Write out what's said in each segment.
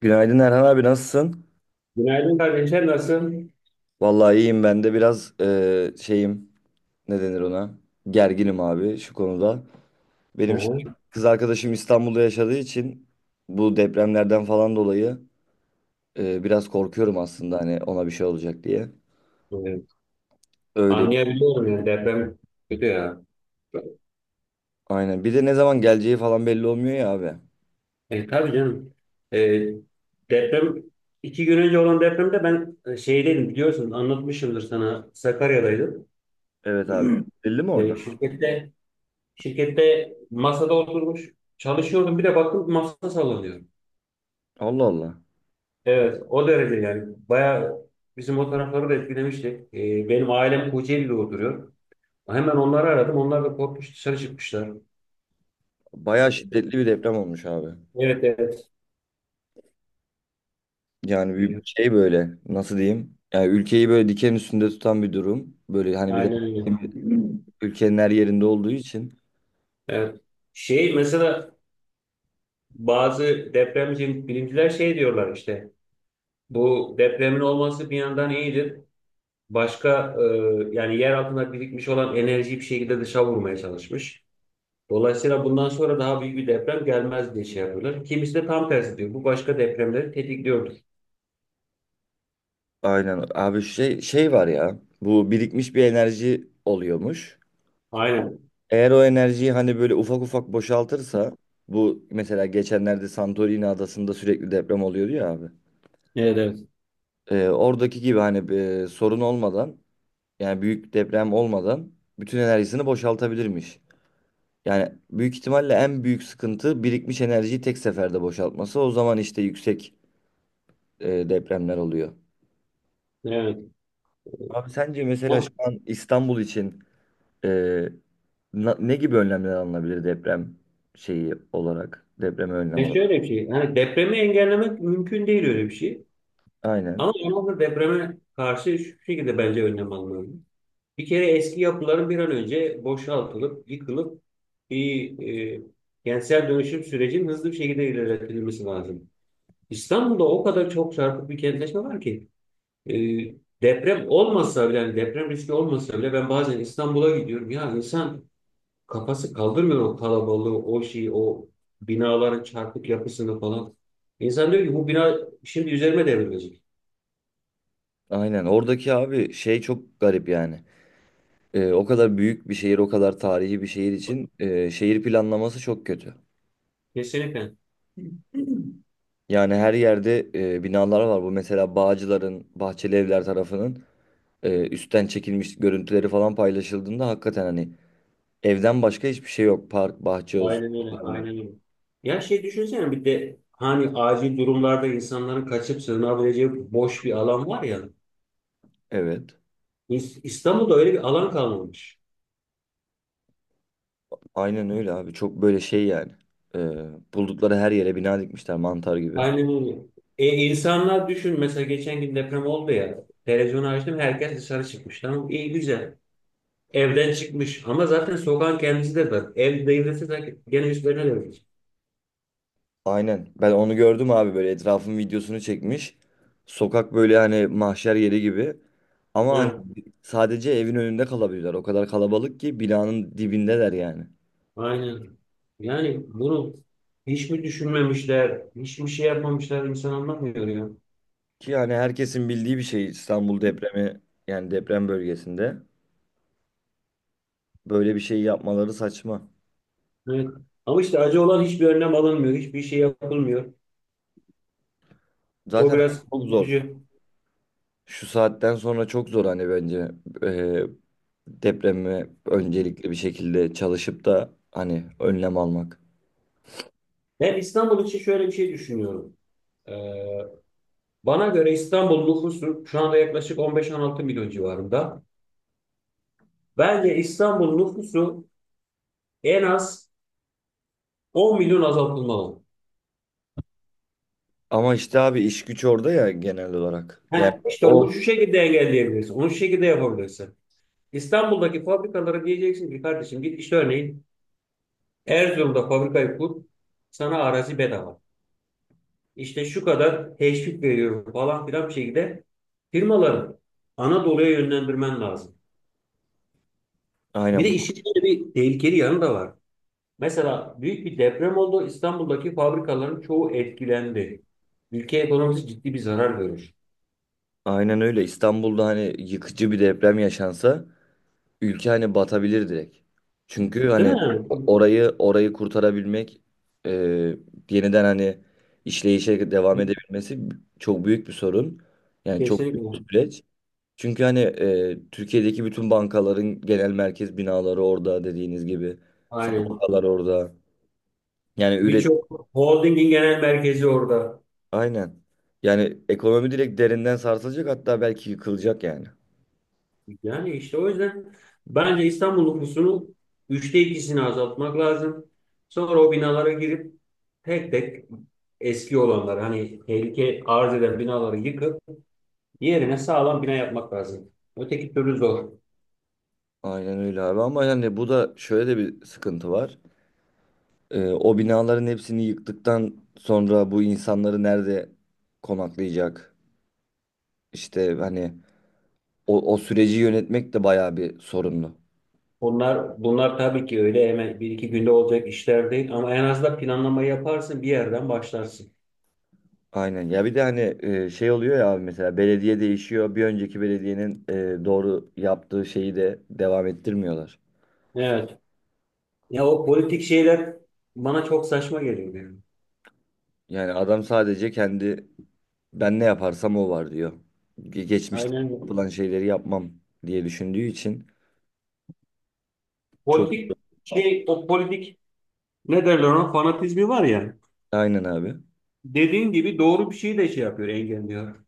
Günaydın Erhan abi, nasılsın? Günaydın kardeşler, nasılsın? Vallahi iyiyim, ben de biraz şeyim, ne denir ona? Gerginim abi şu konuda. Hı Benim hı, şimdi kız arkadaşım İstanbul'da yaşadığı için, bu depremlerden falan dolayı biraz korkuyorum aslında, hani ona bir şey olacak diye. evet. Öyle bir- Anlayabiliyorum ya, deprem kötü ya. aynen. Bir de ne zaman geleceği falan belli olmuyor ya abi. E, tabii canım. E, deprem iki gün önce olan depremde ben şeydeydim, biliyorsun, anlatmışımdır sana, Sakarya'daydım. Evet abi. Belli mi orada? E, şirkette masada oturmuş çalışıyordum, bir de baktım masa sallanıyor. Allah Allah. Evet, o derece yani. Bayağı bizim o tarafları da etkilemişti. E, benim ailem Kocaeli'de oturuyor. Hemen onları aradım, onlar da korkmuş dışarı çıkmışlar. Bayağı şiddetli bir deprem olmuş abi. Evet, evet. Yani bir Evet, şey böyle nasıl diyeyim? Yani ülkeyi böyle diken üstünde tutan bir durum. Böyle hani bir de aynen öyle. ülkenin her yerinde olduğu için. Evet. Şey mesela bazı depremci bilimciler şey diyorlar, işte bu depremin olması bir yandan iyidir. Başka yani yer altında birikmiş olan enerjiyi bir şekilde dışa vurmaya çalışmış. Dolayısıyla bundan sonra daha büyük bir deprem gelmez diye şey yapıyorlar. Kimisi de tam tersi diyor. Bu başka depremleri tetikliyordur. Aynen. Abi şey var ya, bu birikmiş bir enerji oluyormuş. Aynen. Eğer o enerjiyi hani böyle ufak ufak boşaltırsa, bu mesela geçenlerde Santorini adasında sürekli deprem oluyordu ya abi. Evet, evet. Oradaki gibi hani sorun olmadan, yani büyük deprem olmadan bütün enerjisini boşaltabilirmiş. Yani büyük ihtimalle en büyük sıkıntı birikmiş enerjiyi tek seferde boşaltması. O zaman işte yüksek depremler oluyor. Evet. Abi sence mesela şu Ya, an İstanbul için Ee, ne gibi önlemler alınabilir, deprem şeyi olarak? Depreme önlem olarak. şöyle bir şey. Hani depremi engellemek mümkün değil, öyle bir şey. Ama Aynen. Manavgat depreme karşı şu şekilde bence önlem almalı. Bir kere eski yapıların bir an önce boşaltılıp, yıkılıp bir e, kentsel dönüşüm sürecinin hızlı bir şekilde ilerletilmesi lazım. İstanbul'da o kadar çok çarpık bir kentleşme var ki e, deprem olmasa bile, yani deprem riski olmasa bile, ben bazen İstanbul'a gidiyorum. Ya insan kafası kaldırmıyor o kalabalığı, o şeyi, o binaların çarpık yapısını falan. İnsan diyor ki bu bina şimdi üzerime devrilecek. Aynen. Oradaki abi şey çok garip yani. O kadar büyük bir şehir, o kadar tarihi bir şehir için şehir planlaması çok kötü. Kesinlikle. Yani her yerde binalar var. Bu mesela Bağcılar'ın, Bahçeli Evler tarafının üstten çekilmiş görüntüleri falan paylaşıldığında hakikaten hani evden başka hiçbir şey yok. Park, bahçe olsun. Aynen öyle. Olsun. Aynen öyle. Ya şey, düşünsene bir de hani acil durumlarda insanların kaçıp sığınabileceği boş bir alan var ya. Evet. İstanbul'da öyle bir alan kalmamış. Aynen öyle abi. Çok böyle şey yani. Ee, Buldukları her yere bina dikmişler mantar gibi. Aynen öyle. E, insanlar düşün, mesela geçen gün deprem oldu ya. Televizyonu açtım, herkes dışarı çıkmış. Tamam, iyi güzel. Evden çıkmış ama zaten sokağın kendisi de var. Ev devrilse de gene üstlerine devrilecek. Aynen. Ben onu gördüm abi, böyle etrafın videosunu çekmiş. Sokak böyle hani mahşer yeri gibi. Ama hani sadece evin önünde kalabilirler. O kadar kalabalık ki binanın dibindeler yani. Aynen. Yani bunu hiç mi düşünmemişler, hiç mi şey yapmamışlar, insan anlamıyor ya. Ki yani herkesin bildiği bir şey İstanbul depremi, yani deprem bölgesinde. Böyle bir şey yapmaları saçma. Evet. Ama işte acı olan, hiçbir önlem alınmıyor, hiçbir şey yapılmıyor. O Zaten biraz çok zor. üzücü. Şu saatten sonra çok zor hani bence. Ee, Depremi öncelikli bir şekilde çalışıp da hani önlem almak. Ben İstanbul için şöyle bir şey düşünüyorum. Ee, Bana göre İstanbul nüfusu şu anda yaklaşık 15-16 milyon civarında. Bence İstanbul nüfusu en az 10 milyon azaltılmalı. Ama işte abi iş güç orada ya genel olarak. Yani Heh, işte o onu şu şekilde engelleyebilirsin, onu şu şekilde yapabilirsin. İstanbul'daki fabrikalara diyeceksin ki kardeşim git işte örneğin Erzurum'da fabrikayı kur, sana arazi bedava. İşte şu kadar teşvik veriyorum falan filan, bir şekilde firmaları Anadolu'ya yönlendirmen lazım. Bir aynen de bu- işin içinde bir tehlikeli yanı da var. Mesela büyük bir deprem oldu. İstanbul'daki fabrikaların çoğu etkilendi. Ülke ekonomisi ciddi bir zarar görür. aynen öyle. İstanbul'da hani yıkıcı bir deprem yaşansa ülke hani batabilir direkt. Çünkü Değil hani mi? orayı kurtarabilmek, e, yeniden hani işleyişe devam edebilmesi çok büyük bir sorun. Yani çok büyük bir Kesinlikle. süreç. Çünkü hani Türkiye'deki bütün bankaların genel merkez binaları orada dediğiniz gibi. Aynen. Fabrikalar orada. Yani üret Birçok holdingin genel merkezi orada. aynen. Yani ekonomi direkt derinden sarsılacak, hatta belki yıkılacak yani. Yani işte o yüzden bence İstanbul nüfusunun üçte ikisini azaltmak lazım. Sonra o binalara girip tek tek eski olanları, hani tehlike arz eden binaları yıkıp yerine sağlam bina yapmak lazım. Öteki türlü zor. Aynen öyle abi, ama yani bu da şöyle de bir sıkıntı var. E, o binaların hepsini yıktıktan sonra bu insanları nerede konaklayacak? İşte hani o süreci yönetmek de bayağı bir sorunlu. Bunlar tabii ki öyle hemen bir iki günde olacak işler değil, ama en azından planlama yaparsın, bir yerden başlarsın. Aynen. Ya bir de hani şey oluyor ya abi, mesela belediye değişiyor. Bir önceki belediyenin doğru yaptığı şeyi de devam ettirmiyorlar. Evet. Ya o politik şeyler bana çok saçma geliyor yani. Yani adam sadece kendi, ben ne yaparsam o var diyor. Geçmişte Aynen. yapılan şeyleri yapmam diye düşündüğü için çok Politik şey o politik ne derler ona? Fanatizmi var ya. aynen abi. Dediğin gibi doğru bir şeyi de şey yapıyor, engelliyor.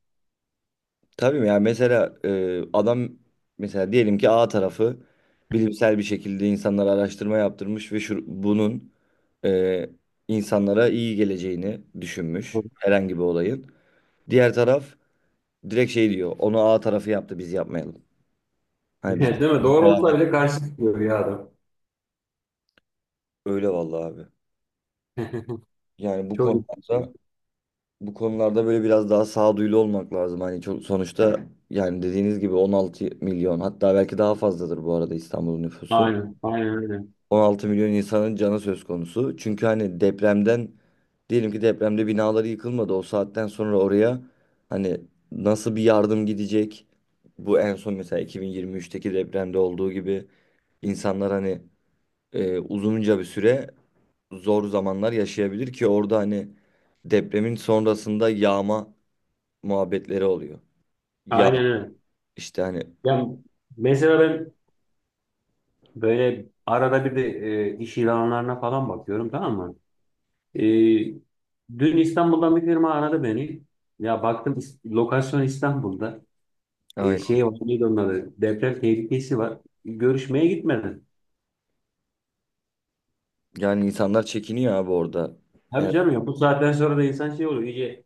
Tabii ya, mesela adam, mesela diyelim ki A tarafı bilimsel bir şekilde insanlara araştırma yaptırmış ve şu, bunun e, insanlara iyi geleceğini düşünmüş herhangi bir olayın. Diğer taraf direkt şey diyor, onu A tarafı yaptı biz yapmayalım. Hani Değil biz mi? Doğru devam olsa edelim. bile karşı çıkıyor ya adam. Öyle vallahi abi. Yani bu Çok ilginç. konularda, böyle biraz daha sağduyulu olmak lazım. Hani çok, sonuçta yani dediğiniz gibi 16 milyon, hatta belki daha fazladır bu arada İstanbul'un nüfusu. Aynen, aynen öyle. 16 milyon insanın canı söz konusu. Çünkü hani depremden, diyelim ki depremde binaları yıkılmadı. O saatten sonra oraya hani nasıl bir yardım gidecek? Bu en son mesela 2023'teki depremde olduğu gibi insanlar hani uzunca bir süre zor zamanlar yaşayabilir, ki orada hani depremin sonrasında yağma muhabbetleri oluyor. Ya Aynen öyle. işte hani Ya mesela ben böyle arada bir de iş ilanlarına falan bakıyorum, tamam mı? E, dün İstanbul'dan bir firma aradı beni. Ya baktım, lokasyon İstanbul'da. E, aynen. şey var, neydi onun adı? Deprem tehlikesi var. Görüşmeye gitmedim. Yani insanlar çekiniyor abi orada. Tabii Yani canım, ya bu saatten sonra da insan şey oluyor, iyice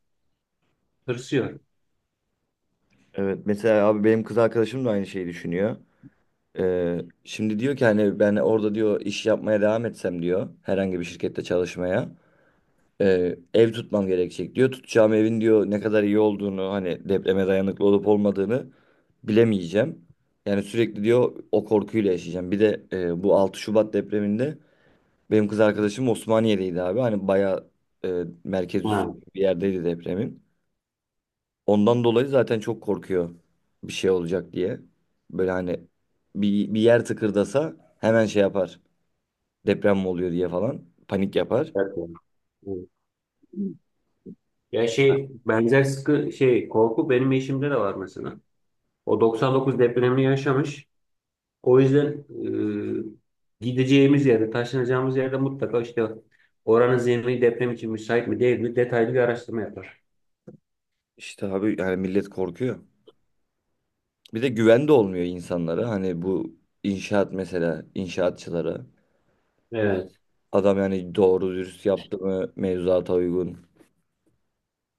tırsıyor. evet, mesela abi benim kız arkadaşım da aynı şeyi düşünüyor. Ee, Şimdi diyor ki hani ben orada diyor iş yapmaya devam etsem diyor herhangi bir şirkette çalışmaya ev tutmam gerekecek diyor. Tutacağım evin diyor ne kadar iyi olduğunu, hani depreme dayanıklı olup olmadığını bilemeyeceğim. Yani sürekli diyor o korkuyla yaşayacağım. Bir de bu 6 Şubat depreminde benim kız arkadaşım Osmaniye'deydi abi. Hani bayağı merkez üstü Ha, bir yerdeydi depremin. Ondan dolayı zaten çok korkuyor bir şey olacak diye. Böyle hani bir yer tıkırdasa hemen şey yapar. Deprem mi oluyor diye falan panik yapar. evet. Evet. Evet. Ya şey, benzer sıkı şey korku benim eşimde de var mesela. O 99 depremini yaşamış. O yüzden gideceğimiz yerde, taşınacağımız yerde mutlaka işte oranın zemini deprem için müsait mi değil mi detaylı bir araştırma yapar. İşte abi yani millet korkuyor. Bir de güven de olmuyor insanlara. Hani bu inşaat, mesela inşaatçılara. Evet. Adam yani doğru dürüst yaptı mı mevzuata uygun.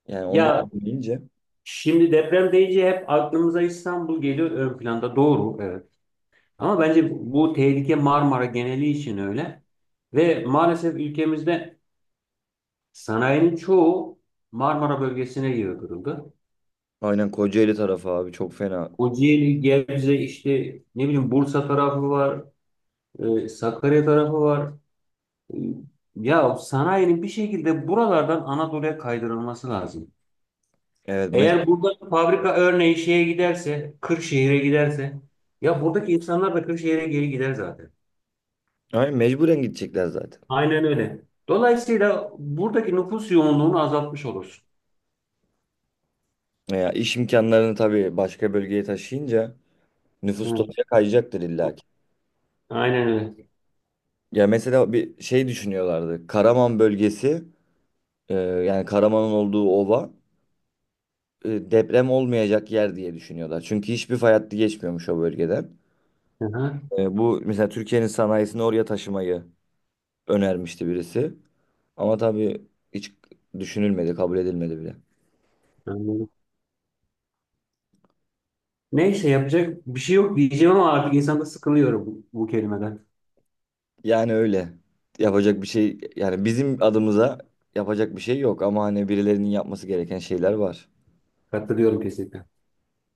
Yani onu da Ya bilince şimdi deprem deyince hep aklımıza İstanbul geliyor ön planda. Doğru, evet. Ama bence bu tehlike Marmara geneli için öyle. Ve maalesef ülkemizde sanayinin çoğu Marmara bölgesine yığdırıldı. aynen Kocaeli tarafı abi çok fena. Kocaeli, Gebze, işte ne bileyim Bursa tarafı var, Sakarya tarafı var. E, Ya sanayinin bir şekilde buralardan Anadolu'ya kaydırılması lazım. Evet mes Eğer burada fabrika örneği şeye giderse, Kırşehir'e giderse, ya buradaki insanlar da Kırşehir'e geri gider zaten. aynen mecburen gidecekler zaten. Aynen öyle. Dolayısıyla buradaki nüfus yoğunluğunu azaltmış olursun. Ya iş imkanlarını tabii başka bölgeye taşıyınca nüfus da Evet. oraya kayacaktır illa ki. Aynen öyle. Ya mesela bir şey düşünüyorlardı. Karaman bölgesi, yani Karaman'ın olduğu ova deprem olmayacak yer diye düşünüyorlar. Çünkü hiçbir fay hattı geçmiyormuş o bölgeden. Hı hı. E, bu mesela Türkiye'nin sanayisini oraya taşımayı önermişti birisi. Ama tabii hiç düşünülmedi, kabul edilmedi bile. Anladım. Neyse, yapacak bir şey yok diyeceğim ama artık insanda sıkılıyorum bu, bu kelimeden. Yani öyle. Yapacak bir şey, yani bizim adımıza yapacak bir şey yok ama hani birilerinin yapması gereken şeyler var. Katılıyorum kesinlikle.